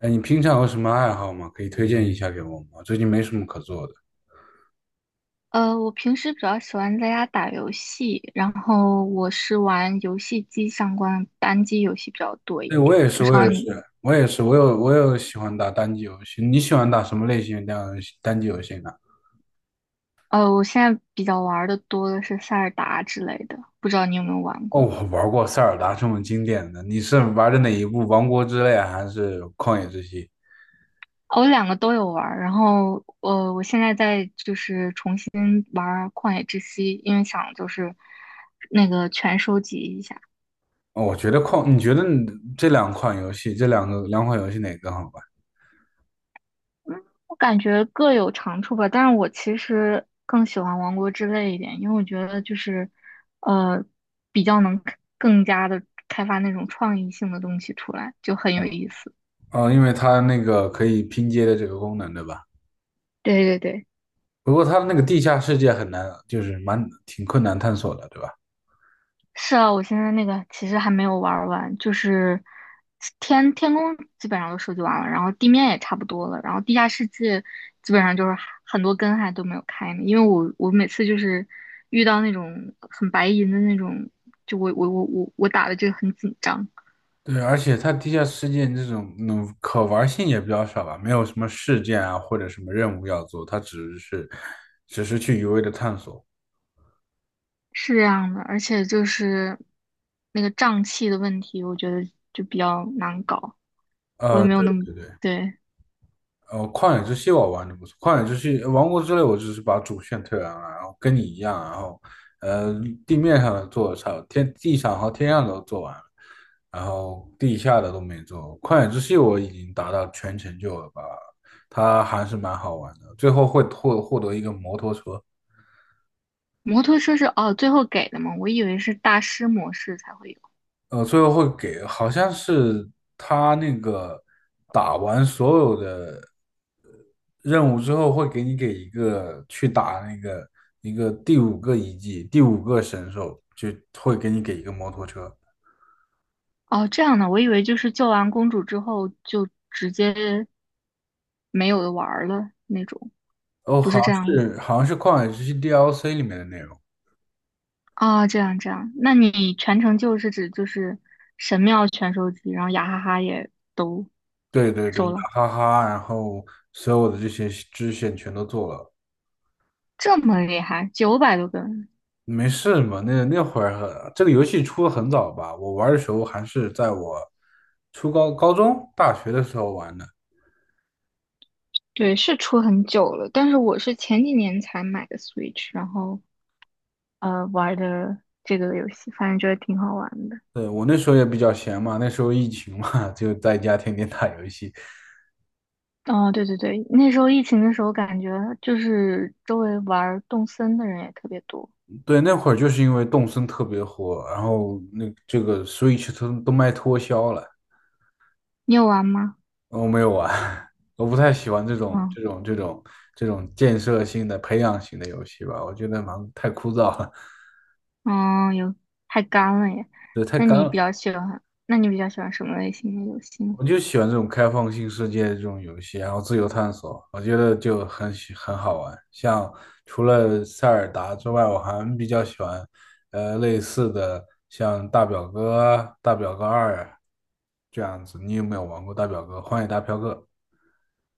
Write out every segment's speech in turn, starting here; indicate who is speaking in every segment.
Speaker 1: 哎，你平常有什么爱好吗？可以推荐一下给我吗？最近没什么可做的。
Speaker 2: 我平时比较喜欢在家打游戏，然后我是玩游戏机相关的单机游戏比较多
Speaker 1: 对，
Speaker 2: 一
Speaker 1: 我
Speaker 2: 点。
Speaker 1: 也是，
Speaker 2: 不知
Speaker 1: 我
Speaker 2: 道
Speaker 1: 也是，
Speaker 2: 你，
Speaker 1: 我也是，我有喜欢打单机游戏。你喜欢打什么类型的单机游戏呢？
Speaker 2: 我现在比较玩的多的是塞尔达之类的，不知道你有没有玩过？
Speaker 1: 哦，
Speaker 2: 哦，
Speaker 1: 我玩过塞尔达这么经典的，你是玩的哪一部？《王国之泪》还是《旷野之息》？
Speaker 2: 我两个都有玩儿，然后我现在就是重新玩儿旷野之息，因为想就是那个全收集一下。
Speaker 1: 哦，我觉得旷，你觉得你这两款游戏，这两个两款游戏哪个更好玩？
Speaker 2: 我感觉各有长处吧，但是我其实更喜欢王国之泪一点，因为我觉得就是，呃，比较能更加的开发那种创意性的东西出来，就很有意思。
Speaker 1: 哦，因为它那个可以拼接的这个功能，对吧？
Speaker 2: 对对对。
Speaker 1: 不过它的那个地下世界很难，就是蛮挺困难探索的，对吧？
Speaker 2: 是啊，我现在那个其实还没有玩儿完，就是天天宫基本上都收集完了，然后地面也差不多了，然后地下世界基本上就是很多根还都没有开呢，因为我每次就是遇到那种很白银的那种，就我打的就很紧张。
Speaker 1: 对，而且它地下世界这种可玩性也比较少吧，没有什么事件啊或者什么任务要做，它只是去一味的探索。
Speaker 2: 是这样的，而且就是那个胀气的问题，我觉得就比较难搞，我也没
Speaker 1: 对
Speaker 2: 有那么。
Speaker 1: 对对，
Speaker 2: 对。
Speaker 1: 旷野之息我玩的不错，旷野之息、王国之泪我只是把主线推完了，然后跟你一样，然后呃地面上的做了差，天地上和天上都做完了，然后地下的都没做。旷野之息我已经达到全成就了吧，它还是蛮好玩的，最后会获得一个摩托车。
Speaker 2: 摩托车是哦，最后给的嘛，我以为是大师模式才会。有。
Speaker 1: 最后会给，好像是他那个打完所有的任务之后，会给你给一个去打那个一个第五个遗迹，第五个神兽，就会给你给一个摩托车。
Speaker 2: 哦，这样的，我以为就是救完公主之后就直接没有的玩儿了那种。
Speaker 1: 哦，
Speaker 2: 不
Speaker 1: 好
Speaker 2: 是这
Speaker 1: 像
Speaker 2: 样
Speaker 1: 是好像是旷野之息 DLC 里面的内容。
Speaker 2: 啊，哦这样这样，那你全程救是指就是神庙全收集，然后雅哈哈也都
Speaker 1: 对对对，
Speaker 2: 收了。
Speaker 1: 哈哈，然后所有的这些支线全都做了。
Speaker 2: 这么厉害，900多根。
Speaker 1: 没事嘛，那会儿很这个游戏出的很早吧？我玩的时候还是在我初高、高中、大学的时候玩的。
Speaker 2: 对，是出很久了，但是我是前几年才买的 Switch,然后玩的这个游戏，反正觉得挺好玩的。
Speaker 1: 对，我那时候也比较闲嘛，那时候疫情嘛，就在家天天打游戏。
Speaker 2: 哦，对对对，那时候疫情的时候，感觉就是周围玩儿动森的人也特别多。
Speaker 1: 对，那会儿就是因为动森特别火，然后那这个 Switch 都卖脱销了，
Speaker 2: 你有玩吗？
Speaker 1: 我没有玩，我不太喜欢
Speaker 2: 嗯
Speaker 1: 这种建设性的、培养型的游戏吧，我觉得蛮太枯燥了，
Speaker 2: 嗯，有，太干了耶。
Speaker 1: 对，太
Speaker 2: 那
Speaker 1: 干
Speaker 2: 你比
Speaker 1: 了。
Speaker 2: 较喜欢，那你比较喜欢什么类型的游戏呢？
Speaker 1: 我就喜欢这种开放性世界的这种游戏，然后自由探索，我觉得就很喜很好玩。像除了塞尔达之外，我还比较喜欢，类似的像大表哥啊、大表哥二啊这样子。你有没有玩过大表哥、荒野大飘哥？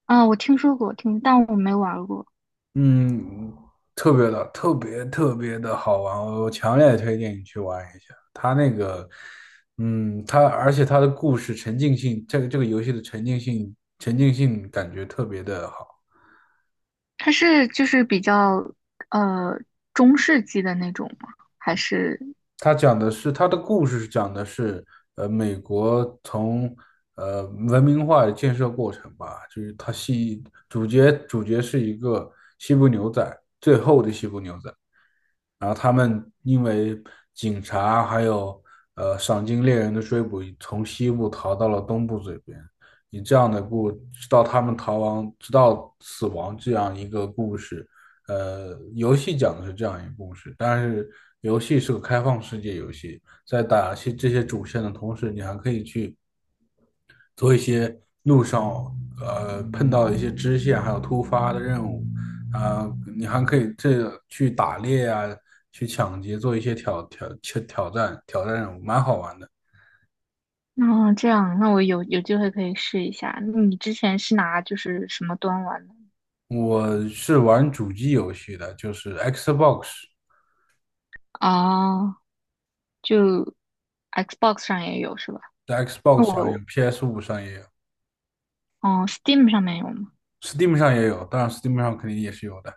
Speaker 2: 啊、我听说过，听，但我没玩过。
Speaker 1: 嗯，特别的，特别特别的好玩，我强烈推荐你去玩一下。它那个，嗯，它而且它的故事沉浸性，这个这个游戏的沉浸性，沉浸性感觉特别的好。
Speaker 2: 它是就是比较呃中世纪的那种吗？还是。
Speaker 1: 他讲的是他的故事，是讲的是美国从呃文明化的建设过程吧，就是他系主角是一个西部牛仔，最后的西部牛仔，然后他们因为警察还有赏金猎人的追捕，从西部逃到了东部这边，以这样的故，直到他们逃亡，直到死亡这样一个故事，游戏讲的是这样一个故事，但是游戏是个开放世界游戏，在打些这些主线的同时，你还可以去做一些路上碰到的一些支线，还有突发的任务啊、你还可以这去打猎啊，去抢劫，做一些挑挑挑挑战任务，蛮好玩的。
Speaker 2: 哦，这样？那我有有机会可以试一下。那你之前是拿就是什么端玩的？
Speaker 1: 我是玩主机游戏的，就是 Xbox，
Speaker 2: 哦，就 Xbox 上也有是吧？
Speaker 1: 在
Speaker 2: 那
Speaker 1: Xbox 上有
Speaker 2: 我，
Speaker 1: PS5上也有
Speaker 2: 嗯，Steam 上面有吗？
Speaker 1: ，Steam 上也有，当然 Steam 上肯定也是有的。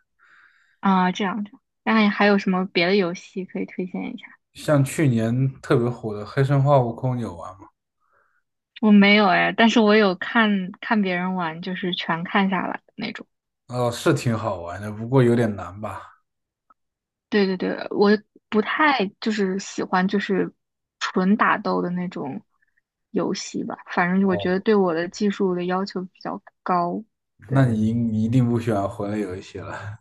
Speaker 2: 啊，这样这样。那还有什么别的游戏可以推荐一下？
Speaker 1: 像去年特别火的《黑神话：悟空》，你有玩吗？
Speaker 2: 我没有哎，但是我有看看别人玩，就是全看下来的那种。
Speaker 1: 哦，是挺好玩的，不过有点难吧？
Speaker 2: 对对对，我不太就是喜欢就是纯打斗的那种游戏吧，反正我
Speaker 1: 哦，
Speaker 2: 觉得对我的技术的要求比较高。
Speaker 1: 那
Speaker 2: 对
Speaker 1: 你一定不喜欢魂类游戏了。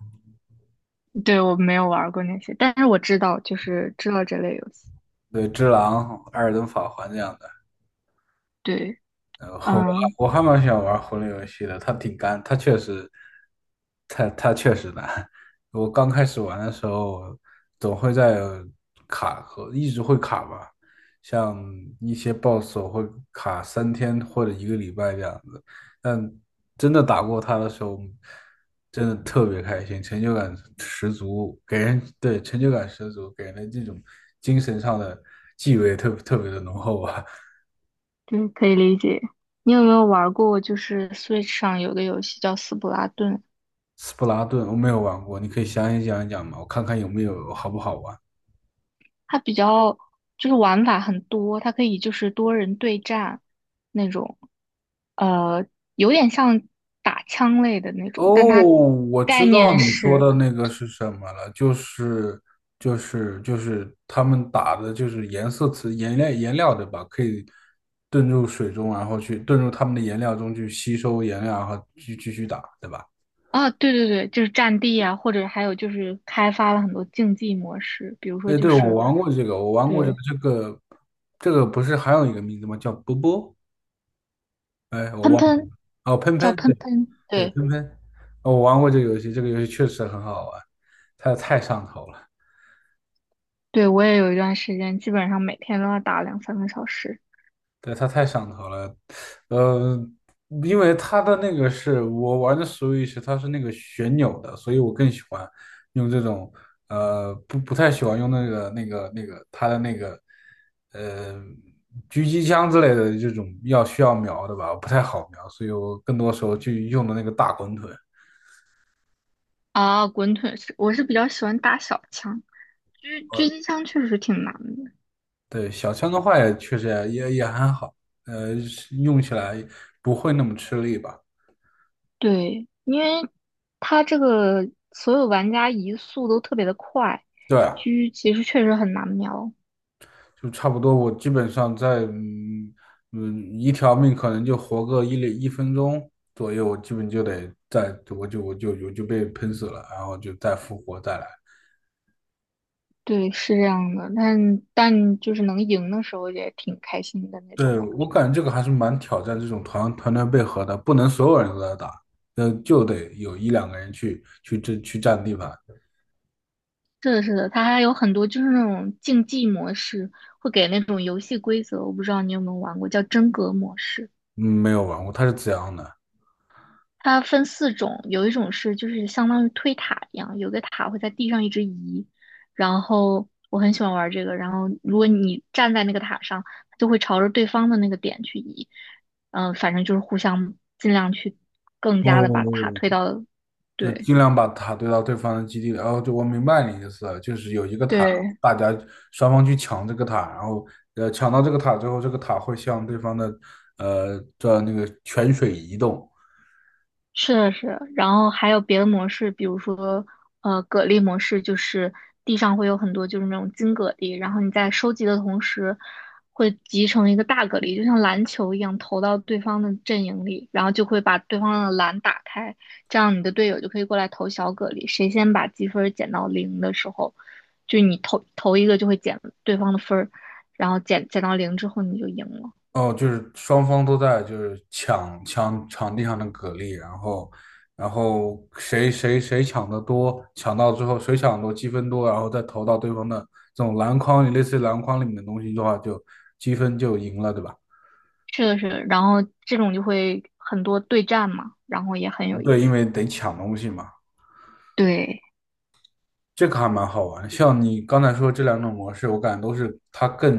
Speaker 2: 对，我没有玩过那些，但是我知道就是知道这类游戏。
Speaker 1: 对，《只狼》《艾尔登法环》这样的。
Speaker 2: 对。
Speaker 1: 然后我
Speaker 2: 嗯。
Speaker 1: 我还蛮喜欢玩魂类游戏的，它挺干，它确实，它它确实难。我刚开始玩的时候，总会在卡和一直会卡吧，像一些 BOSS 我会卡3天或者一个礼拜这样子。但真的打过它的时候，真的特别开心，成就感十足，给人，对，成就感十足，给人的这种精神上的气味特别的浓厚啊。
Speaker 2: 对，可以理解。你有没有玩过，就是 Switch 上有个游戏叫《斯普拉顿》，
Speaker 1: 斯普拉顿我没有玩过，你可以详细讲一讲吗？我看看有没有好不好玩。
Speaker 2: 它比较就是玩法很多，它可以就是多人对战那种，呃，有点像打枪类的那
Speaker 1: 哦，
Speaker 2: 种，但它
Speaker 1: 我知
Speaker 2: 概念
Speaker 1: 道你说
Speaker 2: 是。
Speaker 1: 的那个是什么了，就是他们打的就是颜色词颜料对吧？可以遁入水中，然后去遁入他们的颜料中去吸收颜料，然后继续打，对吧？
Speaker 2: 啊，对对对，就是战地啊，或者还有就是开发了很多竞技模式，比如说
Speaker 1: 哎，
Speaker 2: 就
Speaker 1: 对，我
Speaker 2: 是。
Speaker 1: 玩过这个，我玩过这个，
Speaker 2: 对。
Speaker 1: 这个不是还有一个名字吗？叫波波？哎，我
Speaker 2: 喷
Speaker 1: 忘了。
Speaker 2: 喷。
Speaker 1: 哦，喷
Speaker 2: 叫
Speaker 1: 喷，
Speaker 2: 喷
Speaker 1: 对
Speaker 2: 喷，
Speaker 1: 对，
Speaker 2: 对。
Speaker 1: 喷喷，哦我玩过这个游戏，这个游戏确实很好玩，它太上头了，
Speaker 2: 对，我也有一段时间基本上每天都要打2, 3个小时。
Speaker 1: 对，它太上头了，呃，因为它的那个是我玩的 Switch，它是那个旋钮的，所以我更喜欢用这种，不太喜欢用那个它的那个，呃，狙击枪之类的这种要需要瞄的吧，不太好瞄，所以我更多时候就用的那个大滚筒。
Speaker 2: 啊，滚腿是，我是比较喜欢打小枪，狙狙
Speaker 1: 哦
Speaker 2: 击枪确实挺难的。
Speaker 1: 对，小枪的话也确实也还好，是用起来不会那么吃力吧？
Speaker 2: 对，因为它这个所有玩家移速都特别的快，
Speaker 1: 对啊
Speaker 2: 狙其实确实很难瞄。
Speaker 1: 就差不多。我基本上在一条命可能就活个1分钟左右，我基本就得再我就被喷死了，然后就再复活再来。
Speaker 2: 对，是这样的，但但就是能赢的时候也挺开心的那种
Speaker 1: 对，
Speaker 2: 感
Speaker 1: 我
Speaker 2: 觉。
Speaker 1: 感觉这个还是蛮挑战这种团队配合的，不能所有人都在打，就得有一两个人去这去占地盘。
Speaker 2: 是的，是的，它还有很多就是那种竞技模式，会给那种游戏规则，我不知道你有没有玩过，叫真格模式。
Speaker 1: 嗯，没有玩过，他是怎样的？
Speaker 2: 它分四种，有一种是就是相当于推塔一样，有个塔会在地上一直移，然后我很喜欢玩这个，然后如果你站在那个塔上，它就会朝着对方的那个点去移，嗯、反正就是互相尽量去更加的把塔推
Speaker 1: 哦，
Speaker 2: 到。
Speaker 1: 就
Speaker 2: 对。
Speaker 1: 尽量把塔堆到对方的基地里。哦，就我明白你意思了，就是有一个塔，
Speaker 2: 对，
Speaker 1: 大家双方去抢这个塔，然后抢到这个塔之后，这个塔会向对方的那个泉水移动。
Speaker 2: 是的，是的，然后还有别的模式，比如说，蛤蜊模式，就是地上会有很多就是那种金蛤蜊，然后你在收集的同时，会集成一个大蛤蜊，就像篮球一样投到对方的阵营里，然后就会把对方的篮打开，这样你的队友就可以过来投小蛤蜊，谁先把积分儿减到零的时候，就你投投一个就会减对方的分儿，然后减到零之后你就赢了。
Speaker 1: 哦，就是双方都在就是抢场地上的蛤蜊，然后谁抢的多，抢到之后谁抢得多积分多，然后再投到对方的这种篮筐里，类似于篮筐里面的东西的话，就积分就赢了，对吧？
Speaker 2: 是的，是的，然后这种就会很多对战嘛，然后也很有意
Speaker 1: 对，因
Speaker 2: 思。
Speaker 1: 为得抢东西嘛。
Speaker 2: 对，
Speaker 1: 这个还蛮好玩的像你刚才说这两种模式，我感觉都是它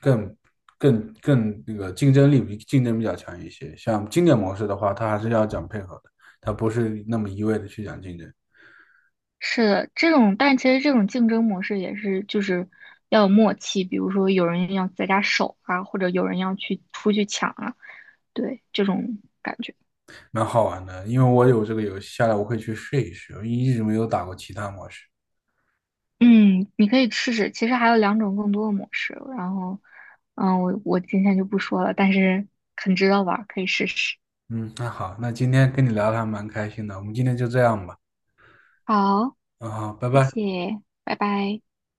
Speaker 1: 更更那个竞争力比竞争比较强一些。像经典模式的话，它还是要讲配合的，它不是那么一味的去讲竞争，
Speaker 2: 是的，这种，但其实这种竞争模式也是，就是要有默契，比如说有人要在家守啊，或者有人要去出去抢啊，对，这种感觉。
Speaker 1: 蛮好玩的。因为我有这个游戏下来，我会去试一试，我一直没有打过其他模式。
Speaker 2: 嗯，你可以试试。其实还有两种更多的模式，然后，嗯，我今天就不说了，但是很值得玩儿可以试试。
Speaker 1: 嗯，那好，那今天跟你聊的还蛮开心的，我们今天就这样吧。
Speaker 2: 好，
Speaker 1: 嗯，好，拜
Speaker 2: 谢
Speaker 1: 拜。
Speaker 2: 谢，拜拜。